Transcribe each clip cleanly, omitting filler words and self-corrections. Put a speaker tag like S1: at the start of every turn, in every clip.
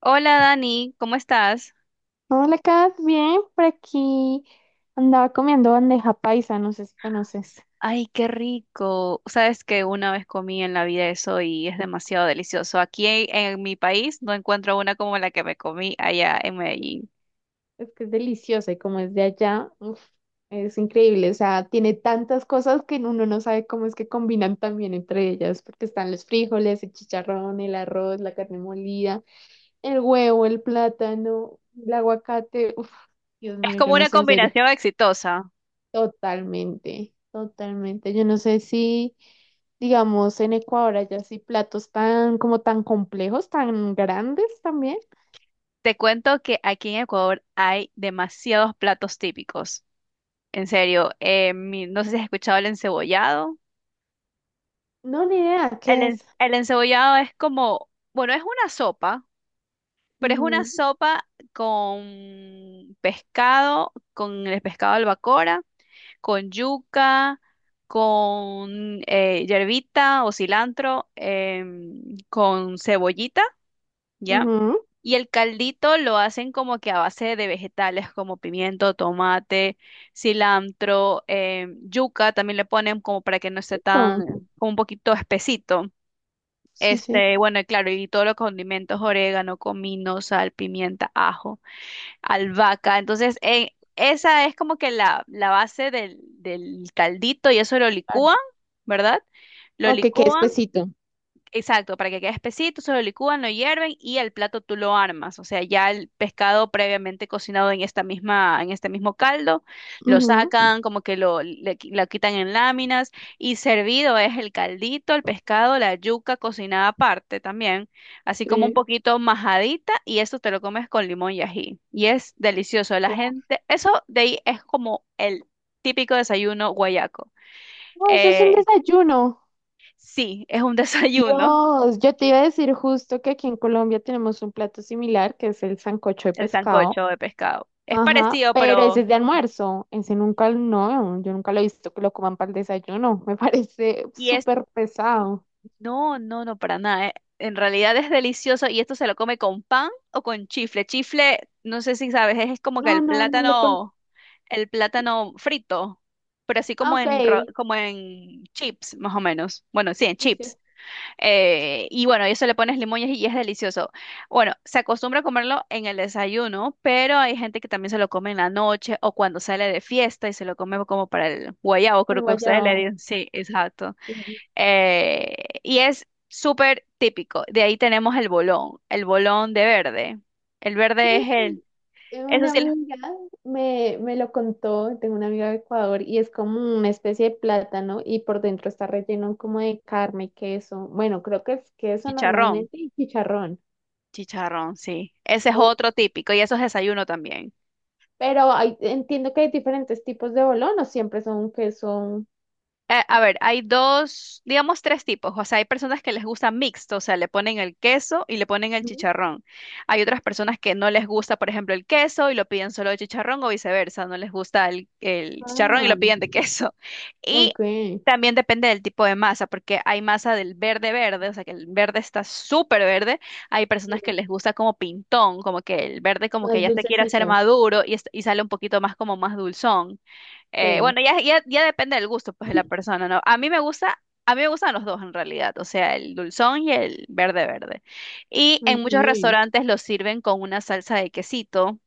S1: Hola Dani, ¿cómo estás?
S2: Hola, Kat, bien, por aquí andaba comiendo bandeja paisa, no sé si conoces.
S1: Ay, qué rico. Sabes que una vez comí en la vida eso y es demasiado delicioso. Aquí en mi país no encuentro una como la que me comí allá en Medellín.
S2: Es que es deliciosa y como es de allá, uf, es increíble, o sea, tiene tantas cosas que uno no sabe cómo es que combinan también entre ellas, porque están los frijoles, el chicharrón, el arroz, la carne molida, el huevo, el plátano, el aguacate, uf, Dios
S1: Es
S2: mío,
S1: como
S2: yo no
S1: una
S2: sé en serio.
S1: combinación exitosa.
S2: Totalmente, totalmente. Yo no sé si, digamos, en Ecuador hay así platos tan, como tan complejos, tan grandes también.
S1: Te cuento que aquí en Ecuador hay demasiados platos típicos. En serio, no sé si has escuchado el encebollado.
S2: No, ni idea, ¿qué es?
S1: El encebollado es como, bueno, es una sopa. Pero es una
S2: Ujú,
S1: sopa con pescado, con el pescado albacora, con yuca, con hierbita o cilantro, con cebollita, ¿ya?
S2: ujú,
S1: Y el caldito lo hacen como que a base de vegetales como pimiento, tomate, cilantro, yuca también le ponen como para que no esté
S2: con-
S1: tan, como un poquito espesito.
S2: sí, sí.
S1: Este, bueno, y claro, y todos los condimentos, orégano, comino, sal, pimienta, ajo albahaca. Entonces, esa es como que la base del caldito y eso lo
S2: Vale.
S1: licúan, ¿verdad? Lo
S2: Ok, qué
S1: licúan.
S2: espesito.
S1: Exacto, para que quede espesito, se lo licúan, lo hierven y el plato tú lo armas. O sea, ya el pescado previamente cocinado en esta misma, en este mismo caldo, lo
S2: Ujú,
S1: sacan, como que lo, lo quitan en láminas y servido es el caldito, el pescado, la yuca cocinada aparte también, así como un
S2: sí.
S1: poquito majadita y eso te lo comes con limón y ají. Y es delicioso. La
S2: Oh,
S1: gente, eso de ahí es como el típico desayuno guayaco.
S2: no, eso es un
S1: Eh,
S2: desayuno.
S1: sí, es un desayuno.
S2: Dios, yo te iba a decir justo que aquí en Colombia tenemos un plato similar, que es el sancocho de
S1: El
S2: pescado.
S1: sancocho de pescado. Es
S2: Ajá,
S1: parecido,
S2: pero ese
S1: pero...
S2: es de almuerzo, ese nunca, no, yo nunca lo he visto que lo coman para el desayuno, me parece
S1: Y es...
S2: súper pesado.
S1: No, no, no, para nada. En realidad es delicioso y esto se lo come con pan o con chifle. Chifle, no sé si sabes, es como que
S2: No, no, no le con...
S1: el plátano frito, pero así
S2: Ah,
S1: como
S2: ok,
S1: en, como en chips, más o menos. Bueno, sí, en
S2: dice,
S1: chips. Y bueno, y eso le pones limones y es delicioso. Bueno, se acostumbra a comerlo en el desayuno, pero hay gente que también se lo come en la noche o cuando sale de fiesta y se lo come como para el guayabo,
S2: el
S1: creo que ustedes le
S2: guayao.
S1: dicen. Sí, exacto.
S2: Sí,
S1: Y es súper típico. De ahí tenemos el bolón de verde. El verde es el,
S2: sí,
S1: eso
S2: una
S1: sí, el
S2: amiga me lo contó, tengo una amiga de Ecuador y es como una especie de plátano y por dentro está relleno como de carne, queso, bueno, creo que es queso
S1: chicharrón.
S2: normalmente y chicharrón.
S1: Chicharrón, sí. Ese es
S2: Uf,
S1: otro típico y eso es desayuno también.
S2: pero entiendo que hay diferentes tipos de bolón, o siempre son queso.
S1: A ver, hay dos, digamos tres tipos. O sea, hay personas que les gusta mixto, o sea, le ponen el queso y le ponen el
S2: Mm.
S1: chicharrón. Hay otras personas que no les gusta, por ejemplo, el queso y lo piden solo de chicharrón o viceversa, no les gusta el chicharrón y
S2: Ah,
S1: lo piden de queso.
S2: ok.
S1: Y
S2: Sí.
S1: también depende del tipo de masa, porque hay masa del verde verde, o sea, que el verde está súper verde. Hay personas que les gusta como pintón, como que el verde como que
S2: Más
S1: ya se quiere hacer
S2: dulcecito.
S1: maduro y, y sale un poquito más como más dulzón.
S2: Sí.
S1: Bueno, ya depende del gusto, pues, de la persona, ¿no? A mí me gusta, a mí me gustan los dos en realidad, o sea, el dulzón y el verde verde. Y en
S2: Ok.
S1: muchos restaurantes lo sirven con una salsa de quesito,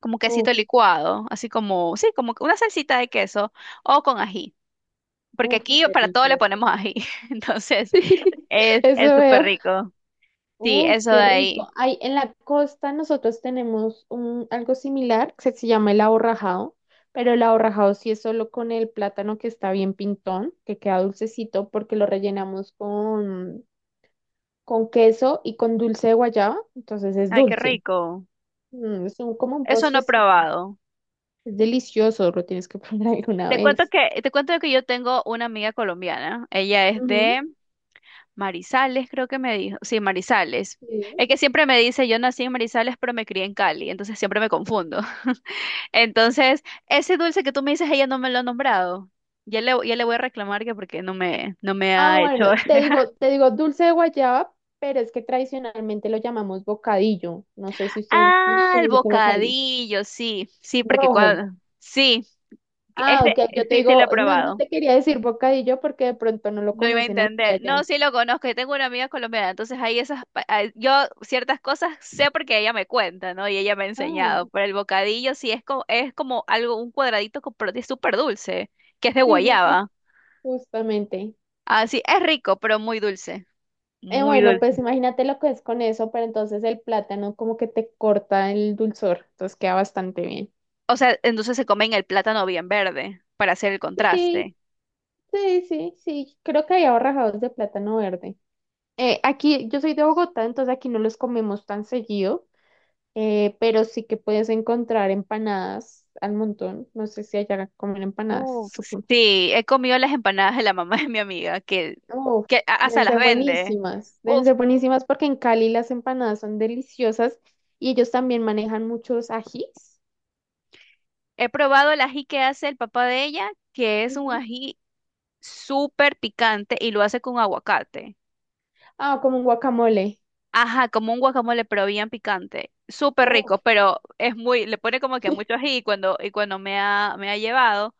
S1: como quesito
S2: Uf,
S1: licuado, así como, sí, como que una salsita de queso o con ají, porque
S2: uf,
S1: aquí
S2: qué
S1: para todo
S2: rico
S1: le
S2: es.
S1: ponemos ají, entonces
S2: Eso
S1: es súper
S2: veo.
S1: rico. Sí,
S2: Uf,
S1: eso de
S2: qué
S1: ahí.
S2: rico. Ay, en la costa nosotros tenemos un, algo similar que se llama el aborrajado, pero el aborrajado sí es solo con el plátano que está bien pintón, que queda dulcecito porque lo rellenamos con queso y con dulce de guayaba, entonces es
S1: Ay, qué
S2: dulce.
S1: rico.
S2: Mm, es un, como un
S1: Eso no he
S2: postrecito.
S1: probado.
S2: Es delicioso, lo tienes que probar alguna
S1: Te cuento
S2: vez.
S1: te cuento que yo tengo una amiga colombiana. Ella es
S2: Ujú,
S1: de Marizales, creo que me dijo. Sí, Marizales.
S2: sí.
S1: Es que siempre me dice, yo nací en Marizales, pero me crié en Cali, entonces siempre me confundo. Entonces, ese dulce que tú me dices, ella no me lo ha nombrado. Ya le voy a reclamar que porque no no me
S2: Ah,
S1: ha hecho.
S2: bueno, te digo dulce de guayaba, pero es que tradicionalmente lo llamamos bocadillo. No sé si usted
S1: Ah, el
S2: conoce como bocadillo.
S1: bocadillo, sí, sí, porque
S2: Rojo.
S1: cuando, sí, que es
S2: Ah, ok,
S1: de-
S2: yo te
S1: sí, sí lo he
S2: digo, no, no
S1: probado.
S2: te quería decir bocadillo porque de pronto no lo
S1: No iba a
S2: conocen así
S1: entender. No,
S2: allá.
S1: sí lo conozco. Yo tengo una amiga colombiana, entonces hay esas, ah, yo ciertas cosas sé porque ella me cuenta, ¿no? Y ella me ha
S2: Ah,
S1: enseñado. Pero el bocadillo sí es como algo, un cuadradito con súper dulce, que es de
S2: sí, sí, sí,
S1: guayaba.
S2: justamente.
S1: Así, es rico, pero muy dulce. Muy
S2: Bueno,
S1: dulce.
S2: pues imagínate lo que es con eso, pero entonces el plátano como que te corta el dulzor, entonces queda bastante bien.
S1: O sea, entonces se comen el plátano bien verde para hacer el
S2: Sí,
S1: contraste.
S2: sí, sí, sí, creo que hay ahorrajados de plátano verde. Aquí, yo soy de Bogotá, entonces aquí no los comemos tan seguido, pero sí que puedes encontrar empanadas al montón. No sé si allá comen empanadas,
S1: Uf,
S2: supongo.
S1: sí, he comido las empanadas de la mamá de mi amiga,
S2: Uf,
S1: hasta las vende.
S2: deben ser buenísimas porque en Cali las empanadas son deliciosas y ellos también manejan muchos ajís.
S1: He probado el ají que hace el papá de ella, que es un
S2: Ujú.
S1: ají súper picante y lo hace con aguacate.
S2: Ah, como un guacamole.
S1: Ajá, como un guacamole, pero bien picante. Súper rico,
S2: Uf,
S1: pero es muy, le pone como que mucho ají y cuando me ha llevado,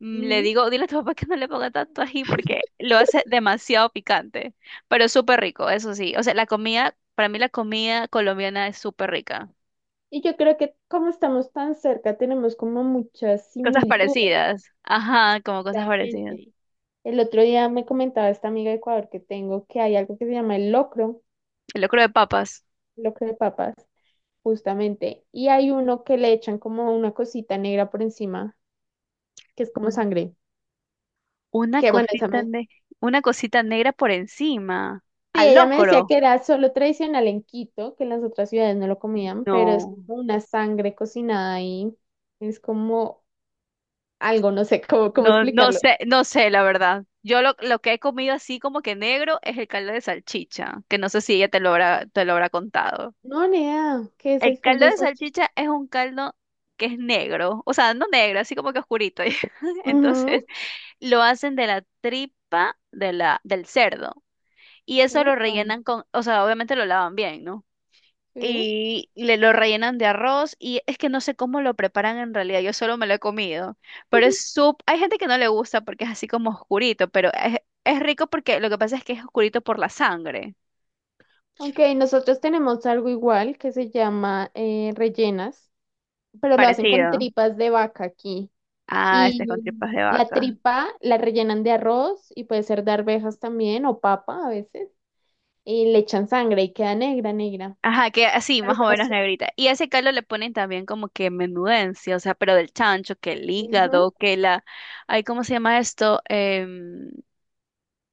S1: le
S2: ujú.
S1: digo, dile a tu papá que no le ponga tanto ají porque lo hace demasiado picante, pero súper rico, eso sí. O sea, la comida, para mí la comida colombiana es súper rica.
S2: Y yo creo que como estamos tan cerca, tenemos como muchas
S1: Cosas
S2: similitudes.
S1: parecidas. Ajá, como cosas parecidas.
S2: Realmente el otro día me comentaba esta amiga de Ecuador que tengo que hay algo que se llama el locro,
S1: El locro de papas.
S2: locro de papas, justamente, y hay uno que le echan como una cosita negra por encima, que es como
S1: Uy. No.
S2: sangre.
S1: Una
S2: Que bueno, esa
S1: cosita,
S2: me...
S1: una cosita negra por encima.
S2: Sí,
S1: Al
S2: ella me decía
S1: locro.
S2: que era solo tradicional en Quito, que en las otras ciudades no lo comían, pero es
S1: No,
S2: como una sangre cocinada ahí, es como algo, no sé cómo, cómo
S1: no, no
S2: explicarlo.
S1: sé, no sé, la verdad. Yo lo que he comido así como que negro es el caldo de salchicha, que no sé si ella te lo habrá contado.
S2: No, nea, ¿qué es
S1: El
S2: el
S1: caldo
S2: caldo de
S1: de
S2: salchicha?
S1: salchicha es un caldo que es negro, o sea, no negro, así como que oscurito.
S2: Ujú.
S1: Entonces, lo hacen de la tripa de la, del cerdo. Y eso lo
S2: Upa,
S1: rellenan con, o sea, obviamente lo lavan bien, ¿no?
S2: sí.
S1: y le lo rellenan de arroz y es que no sé cómo lo preparan en realidad, yo solo me lo he comido, pero es sup hay gente que no le gusta porque es así como oscurito, pero es rico porque lo que pasa es que es oscurito por la sangre,
S2: Ok, nosotros tenemos algo igual que se llama rellenas, pero lo hacen con
S1: parecido.
S2: tripas de vaca aquí.
S1: Ah, este es con
S2: Y
S1: tripas de
S2: la
S1: vaca.
S2: tripa la rellenan de arroz y puede ser de arvejas también o papa a veces. Y le echan sangre y queda negra, negra.
S1: Ajá, que así,
S2: Pero
S1: más
S2: son
S1: o
S2: las
S1: menos
S2: tripas.
S1: negrita. Y a ese caldo le ponen también como que menudencia, o sea, pero del chancho, que el
S2: Ujú.
S1: hígado, que la... Ay, ¿cómo se llama esto?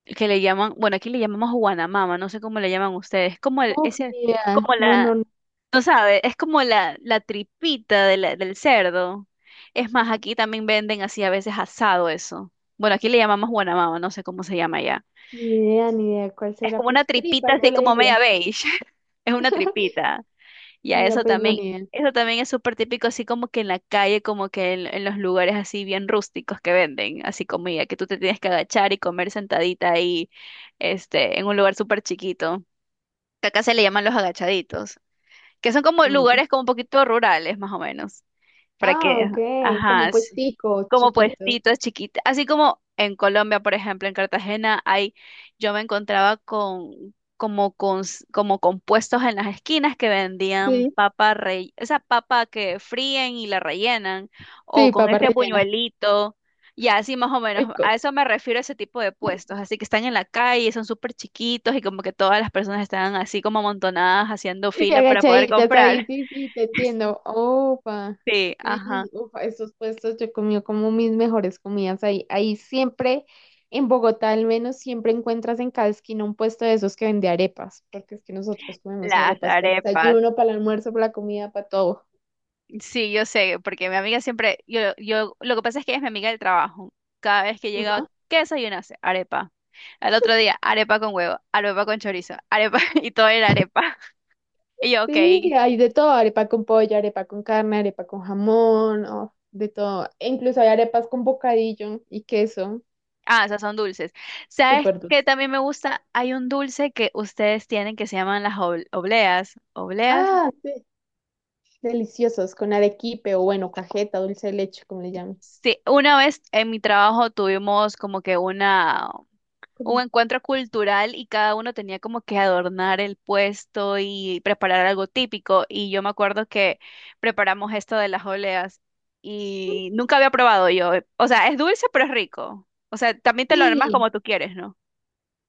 S1: Que le llaman, bueno, aquí le llamamos guanamama, no sé cómo le llaman ustedes. Como el,
S2: Uf,
S1: ese,
S2: ni idea.
S1: como
S2: No,
S1: la,
S2: no, no,
S1: tú sabes, es como la tripita de del cerdo. Es más, aquí también venden así a veces asado eso. Bueno, aquí le llamamos guanamama, no sé cómo se llama allá.
S2: ni idea, ni idea. ¿Cuál
S1: Es
S2: será?
S1: como una
S2: Pues
S1: tripita
S2: tripas, yo
S1: así
S2: le
S1: como
S2: diría.
S1: media beige. Es una tripita. Y a
S2: Mira, pues no, ni idea.
S1: eso también es súper típico, así como que en la calle, como que en los lugares así bien rústicos que venden, así comida, que tú te tienes que agachar y comer sentadita ahí, este, en un lugar súper chiquito. Que acá se le llaman los agachaditos que son como
S2: No, no, no.
S1: lugares como un poquito rurales, más o menos para
S2: Ah,
S1: que,
S2: ok,
S1: ajá,
S2: como
S1: ajá, sí,
S2: puestico,
S1: como
S2: chiquito.
S1: puestitos chiquitos, así como en Colombia, por ejemplo, en Cartagena hay, yo me encontraba con como con como con puestos en las esquinas que vendían
S2: Sí,
S1: papa rey, esa papa que fríen y la rellenan o
S2: sí,
S1: con
S2: papa
S1: ese
S2: rellena.
S1: buñuelito. Y así más o menos, a
S2: Rico.
S1: eso me refiero ese tipo de puestos, así que están en la calle, son súper chiquitos y como que todas las personas están así como amontonadas haciendo
S2: Y
S1: fila para poder
S2: agachaditas
S1: comprar.
S2: ahí, sí, sí, te entiendo. Opa,
S1: Sí, ajá.
S2: sí, ufa, esos puestos yo comí como mis mejores comidas ahí. Ahí siempre, en Bogotá al menos, siempre encuentras en cada esquina un puesto de esos que vende arepas, porque es que nosotros comemos
S1: Las
S2: arepas para el
S1: arepas.
S2: desayuno, para el almuerzo, para la comida, para todo.
S1: Sí, yo sé, porque mi amiga siempre, lo que pasa es que ella es mi amiga del trabajo. Cada vez que llegaba,
S2: Ajá.
S1: ¿qué desayunaste? Arepa. Al otro día, arepa con huevo, arepa con chorizo, arepa, y todo era arepa. Y yo, ok,
S2: Sí, hay de todo, arepa con pollo, arepa con carne, arepa con jamón, oh, de todo. E incluso hay arepas con bocadillo y queso,
S1: ah, esas son dulces. ¿Sabes
S2: súper
S1: qué
S2: dulce.
S1: también me gusta? Hay un dulce que ustedes tienen que se llaman las obleas. ¿Obleas?
S2: Ah, sí. Deliciosos, con arequipe o bueno, cajeta, dulce de leche, como le llaman.
S1: Sí, una vez en mi trabajo tuvimos como que un
S2: Con-
S1: encuentro cultural y cada uno tenía como que adornar el puesto y preparar algo típico. Y yo me acuerdo que preparamos esto de las oleas y nunca había probado yo. O sea, es dulce pero es rico. O sea, también te lo armas
S2: Sí,
S1: como tú quieres, ¿no?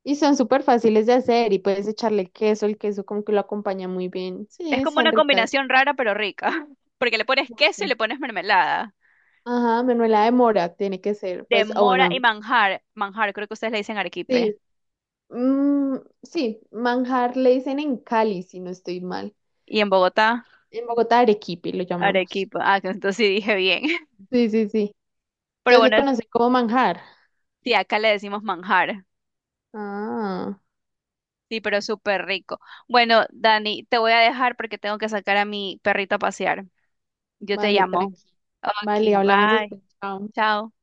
S2: y son súper fáciles de hacer y puedes echarle queso, el queso como que lo acompaña muy bien. Sí,
S1: Es como
S2: están
S1: una
S2: ricas.
S1: combinación rara pero rica, porque le pones queso y
S2: Me
S1: le pones mermelada
S2: Ajá, manuela de mora tiene que ser,
S1: de
S2: pues, o
S1: mora
S2: bueno,
S1: y manjar. Manjar, creo que ustedes le dicen arequipe.
S2: sí, mm, sí, manjar le dicen en Cali, si no estoy mal.
S1: Y en Bogotá,
S2: En Bogotá, arequipe lo llamamos.
S1: arequipa. Ah, que entonces sí dije bien.
S2: Sí, sí, sí.
S1: Pero
S2: Entonces le
S1: bueno,
S2: conocen como manjar.
S1: sí, acá le decimos manjar.
S2: Ah,
S1: Sí, pero súper rico. Bueno, Dani, te voy a dejar porque tengo que sacar a mi perrito a pasear. Yo te
S2: vale,
S1: llamo.
S2: tranqui.
S1: Ok,
S2: Vale, hablamos
S1: bye.
S2: después. Chao.
S1: Chao.